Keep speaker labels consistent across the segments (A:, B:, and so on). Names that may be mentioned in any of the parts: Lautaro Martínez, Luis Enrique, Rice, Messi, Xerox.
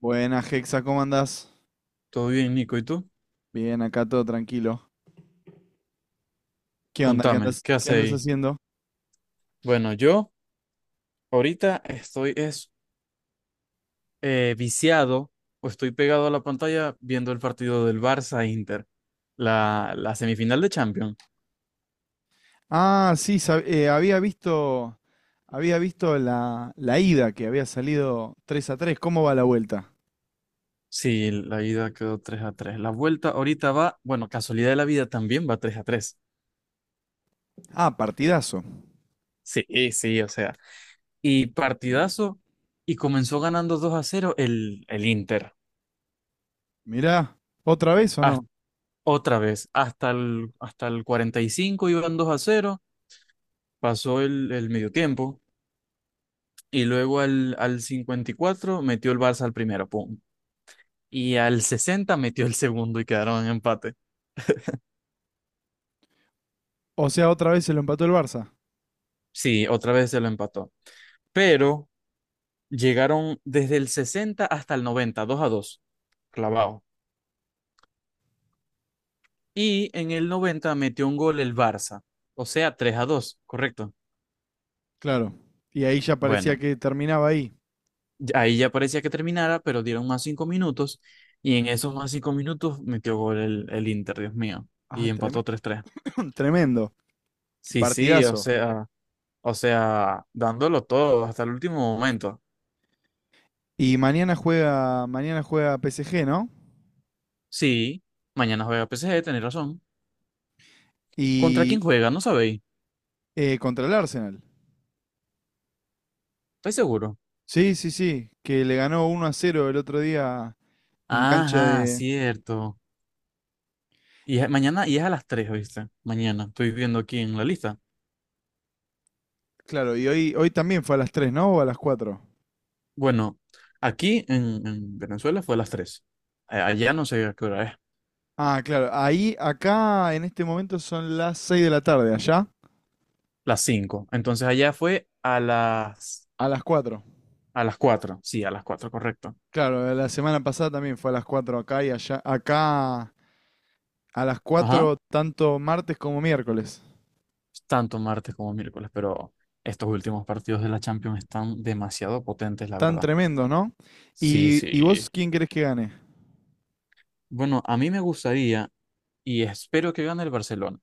A: Buenas, Hexa, ¿cómo andás?
B: Todo bien, Nico. ¿Y tú?
A: Bien, acá todo tranquilo. ¿Qué onda? ¿Qué
B: Contame,
A: andas,
B: ¿qué
A: qué
B: haces
A: andas
B: ahí?
A: haciendo?
B: Bueno, yo ahorita estoy viciado o estoy pegado a la pantalla viendo el partido del Barça-Inter, la semifinal de Champions.
A: Ah, sí, había visto la ida que había salido 3-3. ¿Cómo va la vuelta?
B: Sí, la ida quedó 3 a 3. La vuelta ahorita va, bueno, casualidad de la vida también va 3 a 3.
A: Ah, partidazo.
B: Sí, sí, o sea. Y partidazo, y comenzó ganando 2 a cero el Inter.
A: Mirá, ¿otra vez o no?
B: Hasta- Otra vez, hasta el 45 iban 2 a cero. Pasó el medio tiempo y luego al 54 metió el Barça al primero, pum. Y al 60 metió el segundo y quedaron en empate.
A: O sea, otra vez se lo empató el Barça.
B: Sí, otra vez se lo empató. Pero llegaron desde el 60 hasta el 90, 2 a 2 clavado. Y en el 90 metió un gol el Barça, o sea, 3 a 2 correcto.
A: Claro. Y ahí ya parecía
B: Bueno,
A: que terminaba ahí.
B: ahí ya parecía que terminara, pero dieron más 5 minutos y en esos más 5 minutos metió gol el Inter, Dios mío,
A: Ah,
B: y empató tres tres.
A: tremendo.
B: Sí, sí, o
A: Partidazo.
B: sea. O sea, dándolo todo hasta el último momento.
A: Y mañana juega PSG, ¿no?
B: Sí, mañana juega PSG, tenéis razón. ¿Contra
A: Y
B: quién juega? No sabéis.
A: contra el Arsenal.
B: ¿Estáis seguro?
A: Sí, sí, sí, que le ganó 1-0 el otro día en cancha
B: Ajá,
A: de...
B: cierto. Mañana, y es a las 3, ¿viste? Mañana, estoy viendo aquí en la lista.
A: Claro, y hoy también fue a las 3, ¿no? ¿O a las cuatro?
B: Bueno, aquí en Venezuela fue a las 3. Allá no sé a qué hora es.
A: Ah, claro, ahí, acá en este momento son las 6 de la tarde, allá
B: Las 5. Entonces allá fue
A: a las cuatro.
B: a las 4. Sí, a las 4, correcto.
A: Claro, la semana pasada también fue a las 4 acá y allá, acá a las
B: Ajá.
A: cuatro tanto martes como miércoles.
B: Tanto martes como miércoles, pero estos últimos partidos de la Champions están demasiado potentes, la
A: Tan
B: verdad.
A: tremendos, ¿no?
B: Sí,
A: ¿Y vos
B: sí.
A: quién querés que gane?
B: Bueno, a mí me gustaría y espero que gane el Barcelona.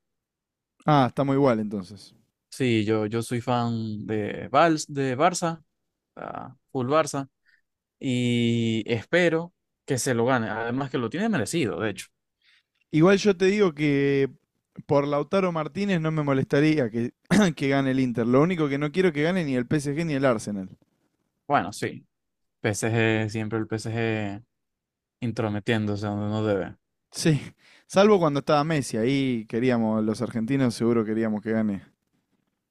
A: Ah, estamos igual entonces.
B: Sí, yo soy fan de, Vals, de Barça, ah, full Barça, y espero que se lo gane. Además que lo tiene merecido, de hecho.
A: Igual yo te digo que por Lautaro Martínez no me molestaría que, que gane el Inter. Lo único que no quiero que gane ni el PSG ni el Arsenal.
B: Bueno, sí, PSG, siempre el PSG intrometiéndose donde no debe.
A: Sí, salvo cuando estaba Messi, ahí queríamos, los argentinos seguro queríamos que gane.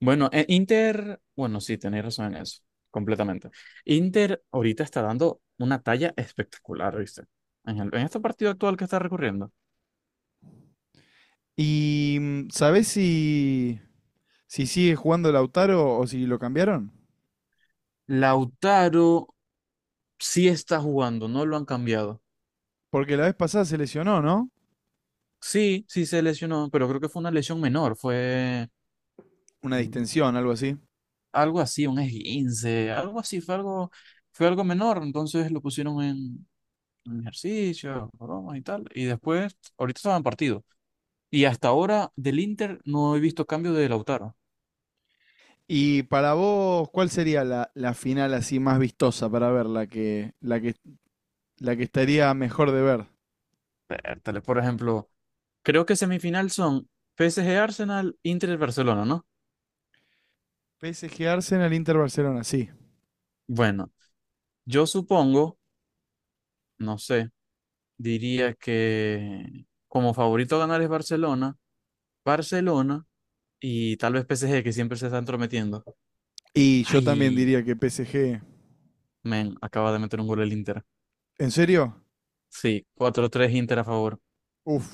B: Bueno, Inter, bueno, sí, tenéis razón en eso, completamente. Inter ahorita está dando una talla espectacular, ¿viste? En este partido actual que está recurriendo.
A: ¿Y sabés si, sigue jugando Lautaro o si lo cambiaron?
B: Lautaro sí está jugando, no lo han cambiado.
A: Porque la vez pasada se lesionó, ¿no?
B: Sí, sí se lesionó, pero creo que fue una lesión menor, fue
A: Una
B: mm,
A: distensión, algo así.
B: algo así, un esguince, algo así, fue algo menor, entonces lo pusieron en ejercicio, bromas y tal, y después, ahorita estaba en partido. Y hasta ahora del Inter no he visto cambio de Lautaro.
A: Y para vos, ¿cuál sería la final así más vistosa para ver? La que estaría mejor de ver.
B: Vértale, por ejemplo, creo que semifinal son PSG Arsenal, Inter Barcelona, ¿no?
A: PSG Arsenal, Inter Barcelona, sí.
B: Bueno, yo supongo, no sé, diría que como favorito a ganar es Barcelona, Barcelona y tal vez PSG que siempre se está entrometiendo.
A: Y yo también
B: Ay,
A: diría que PSG.
B: men, acaba de meter un gol el Inter.
A: ¿En serio?
B: Sí, cuatro tres Inter a favor.
A: Uf,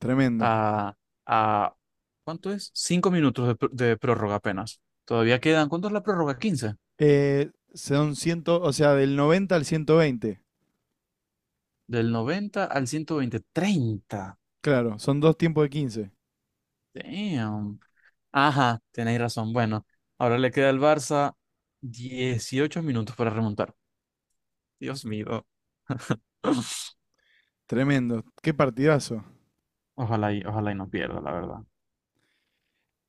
A: tremendo.
B: A, a, ¿Cuánto es? Cinco minutos de prórroga apenas. Todavía quedan, ¿cuánto es la prórroga? 15.
A: Son 100, o sea, del 90 al 120.
B: Del 90 al 120 treinta.
A: Claro, son dos tiempos de 15.
B: Damn. Ajá, tenéis razón. Bueno, ahora le queda al Barça 18 minutos para remontar. Dios mío.
A: Tremendo. Qué partidazo.
B: Ojalá y no pierda, la verdad.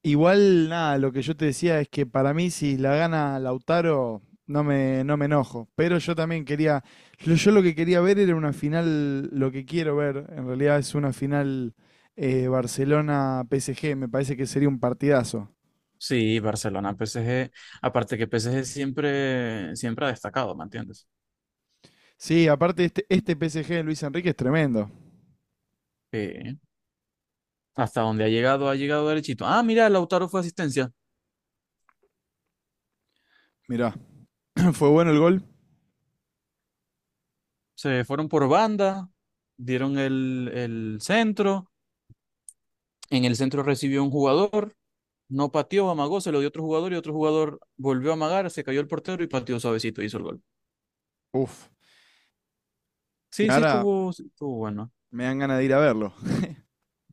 A: Igual, nada, lo que yo te decía es que para mí, si la gana Lautaro, no me enojo. Pero yo también quería. Yo lo que quería ver era una final. Lo que quiero ver, en realidad, es una final Barcelona-PSG. Me parece que sería un partidazo.
B: Sí, Barcelona, PSG. Aparte que PSG siempre ha destacado, ¿me entiendes?
A: Sí, aparte este PSG de Luis Enrique es tremendo.
B: Sí. Hasta donde ha llegado derechito. Ah, mira, Lautaro fue asistencia.
A: Mirá, fue bueno el gol.
B: Se fueron por banda, dieron el centro. En el centro recibió un jugador, no pateó, amagó, se lo dio otro jugador y otro jugador volvió a amagar, se cayó el portero y pateó suavecito, hizo el gol.
A: Uf. Y
B: Sí,
A: ahora
B: sí estuvo bueno.
A: me dan ganas de ir a verlo.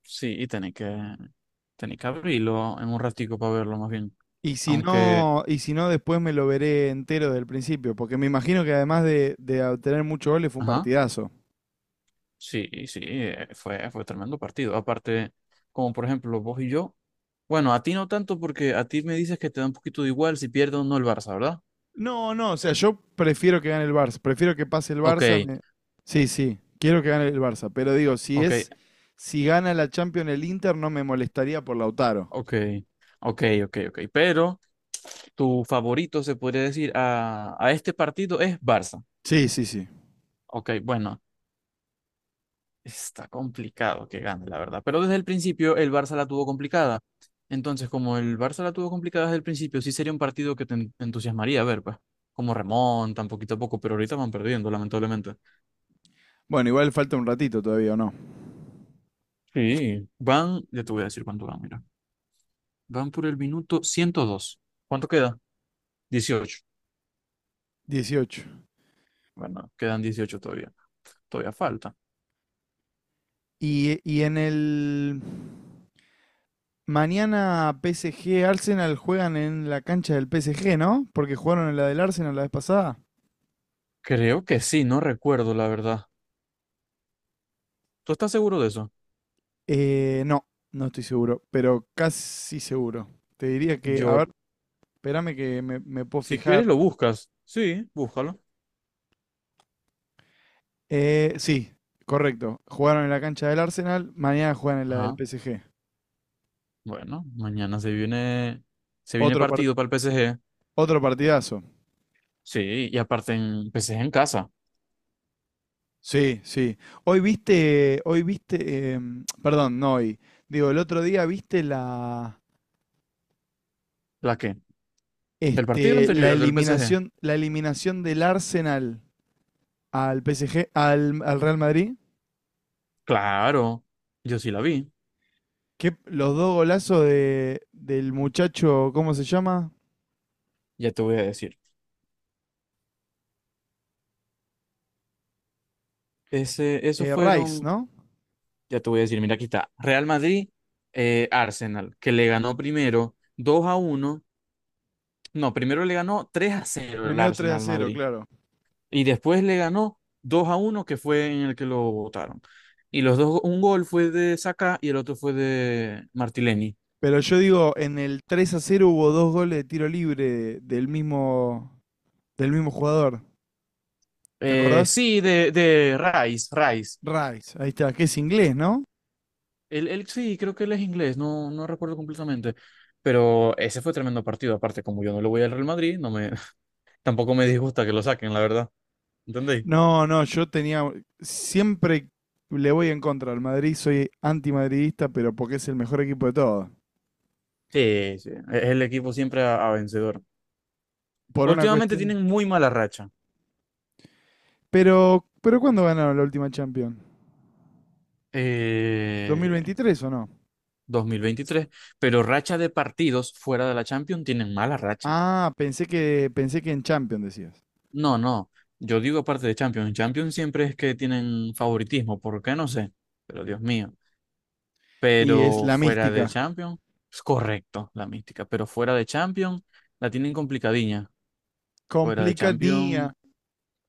B: Sí, y tenés que abrirlo en un ratico para verlo más bien.
A: Y si
B: Aunque,
A: no, después me lo veré entero desde el principio, porque me imagino que además de obtener muchos goles fue un
B: ajá,
A: partidazo.
B: sí, sí, fue tremendo partido. Aparte, como por ejemplo vos y yo, bueno, a ti no tanto porque a ti me dices que te da un poquito de igual si pierde o no el Barça, ¿verdad?
A: No, no, o sea, yo prefiero que gane el Barça, prefiero que pase el
B: Ok,
A: Barça. Sí, sí, quiero que gane el Barça, pero digo,
B: ok,
A: si gana la Champions el Inter, no me molestaría por Lautaro.
B: ok, ok, ok, ok. Pero tu favorito, se podría decir, a este partido es Barça.
A: Sí, sí, sí.
B: Ok, bueno, está complicado que gane, la verdad. Pero desde el principio el Barça la tuvo complicada. Entonces, como el Barça la tuvo complicada desde el principio, sí sería un partido que te entusiasmaría a ver, pues, como remontan poquito a poco, pero ahorita van perdiendo, lamentablemente.
A: Bueno, igual falta un ratito todavía, ¿o no?
B: Sí. Van, ya te voy a decir cuánto van, mira. Van por el minuto ciento dos. ¿Cuánto queda? 18.
A: 18.
B: Bueno, quedan 18 todavía. Todavía falta.
A: Y mañana PSG Arsenal juegan en la cancha del PSG, ¿no? Porque jugaron en la del Arsenal la vez pasada.
B: Creo que sí, no recuerdo, la verdad. ¿Tú estás seguro de eso?
A: No, no estoy seguro, pero casi seguro. Te diría que, a
B: Yo,
A: ver, espérame que me puedo
B: si
A: fijar.
B: quieres lo buscas. Sí, búscalo.
A: Sí, correcto. Jugaron en la cancha del Arsenal, mañana juegan en la del
B: Ajá.
A: PSG.
B: Bueno, mañana se viene
A: Otro, par-
B: partido para el PSG.
A: otro partidazo.
B: Sí, y aparte en PSG en casa.
A: Sí, sí. Hoy viste, perdón, no hoy. Digo, el otro día viste
B: ¿La qué? El partido anterior del PSG.
A: La eliminación del Arsenal al PSG, al Real Madrid.
B: Claro, yo sí la vi.
A: Que los dos golazos del muchacho, ¿cómo se llama?
B: Ya te voy a decir. Ese, esos
A: Rice,
B: fueron,
A: ¿no?
B: ya te voy a decir, mira, aquí está. Real Madrid, Arsenal, que le ganó primero 2 a uno. No, primero le ganó 3 a cero el
A: Primero tres a
B: Arsenal al
A: cero
B: Madrid.
A: claro.
B: Y después le ganó 2 a uno que fue en el que lo votaron. Y los dos, un gol fue de Saka y el otro fue de Martileni.
A: Pero yo digo, en el 3-0 hubo dos goles de tiro libre del mismo jugador. ¿Te acordás?
B: De Rice, Rice.
A: Rice, ahí está, que es inglés, ¿no?
B: Él sí, creo que él es inglés, no recuerdo completamente. Pero ese fue tremendo partido. Aparte, como yo no le voy al Real Madrid, no me, tampoco me disgusta que lo saquen, la verdad. ¿Entendéis?
A: No, no, yo tenía. Siempre le voy en contra al Madrid, soy antimadridista, pero porque es el mejor equipo de todos.
B: Sí, sí. Es el equipo siempre a vencedor.
A: Por una
B: Últimamente
A: cuestión.
B: tienen muy mala racha.
A: Pero ¿cuándo ganaron la última Champions? ¿Dos mil
B: Eh,
A: veintitrés o no?
B: 2023, pero racha de partidos fuera de la Champions tienen mala racha.
A: Ah, pensé que en Champions decías.
B: No, no, yo digo aparte de Champions, en Champions siempre es que tienen favoritismo, ¿por qué? No sé, pero Dios mío,
A: Y es
B: pero
A: la
B: fuera de
A: mística.
B: Champions, es correcto la mística, pero fuera de Champions la tienen complicadilla, fuera de
A: Complicadía.
B: Champions,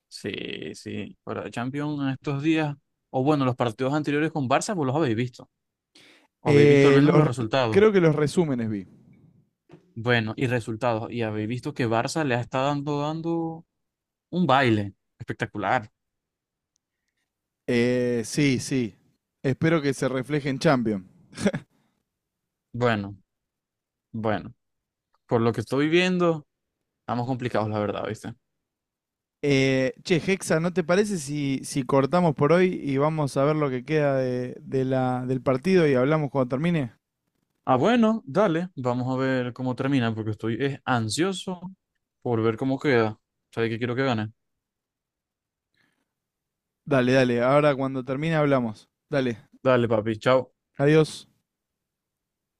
B: sí, sí, fuera de Champions en estos días, o bueno, los partidos anteriores con Barça, vos los habéis visto, o habéis visto al
A: Eh,
B: menos los
A: los-
B: resultados.
A: creo que los resúmenes vi.
B: Bueno, y resultados, y habéis visto que Barça le ha estado dando un baile. Espectacular.
A: Sí, sí. Espero que se refleje en Champions.
B: Bueno, bueno. Por lo que estoy viendo, estamos complicados, la verdad, ¿viste?
A: Che, Hexa, ¿no te parece si cortamos por hoy y vamos a ver lo que queda del partido y hablamos cuando termine?
B: Ah, bueno, dale. Vamos a ver cómo termina, porque estoy ansioso por ver cómo queda. ¿Sabes qué quiero que gane?
A: Dale, dale. Ahora cuando termine hablamos. Dale.
B: Dale, papi. Chao.
A: Adiós.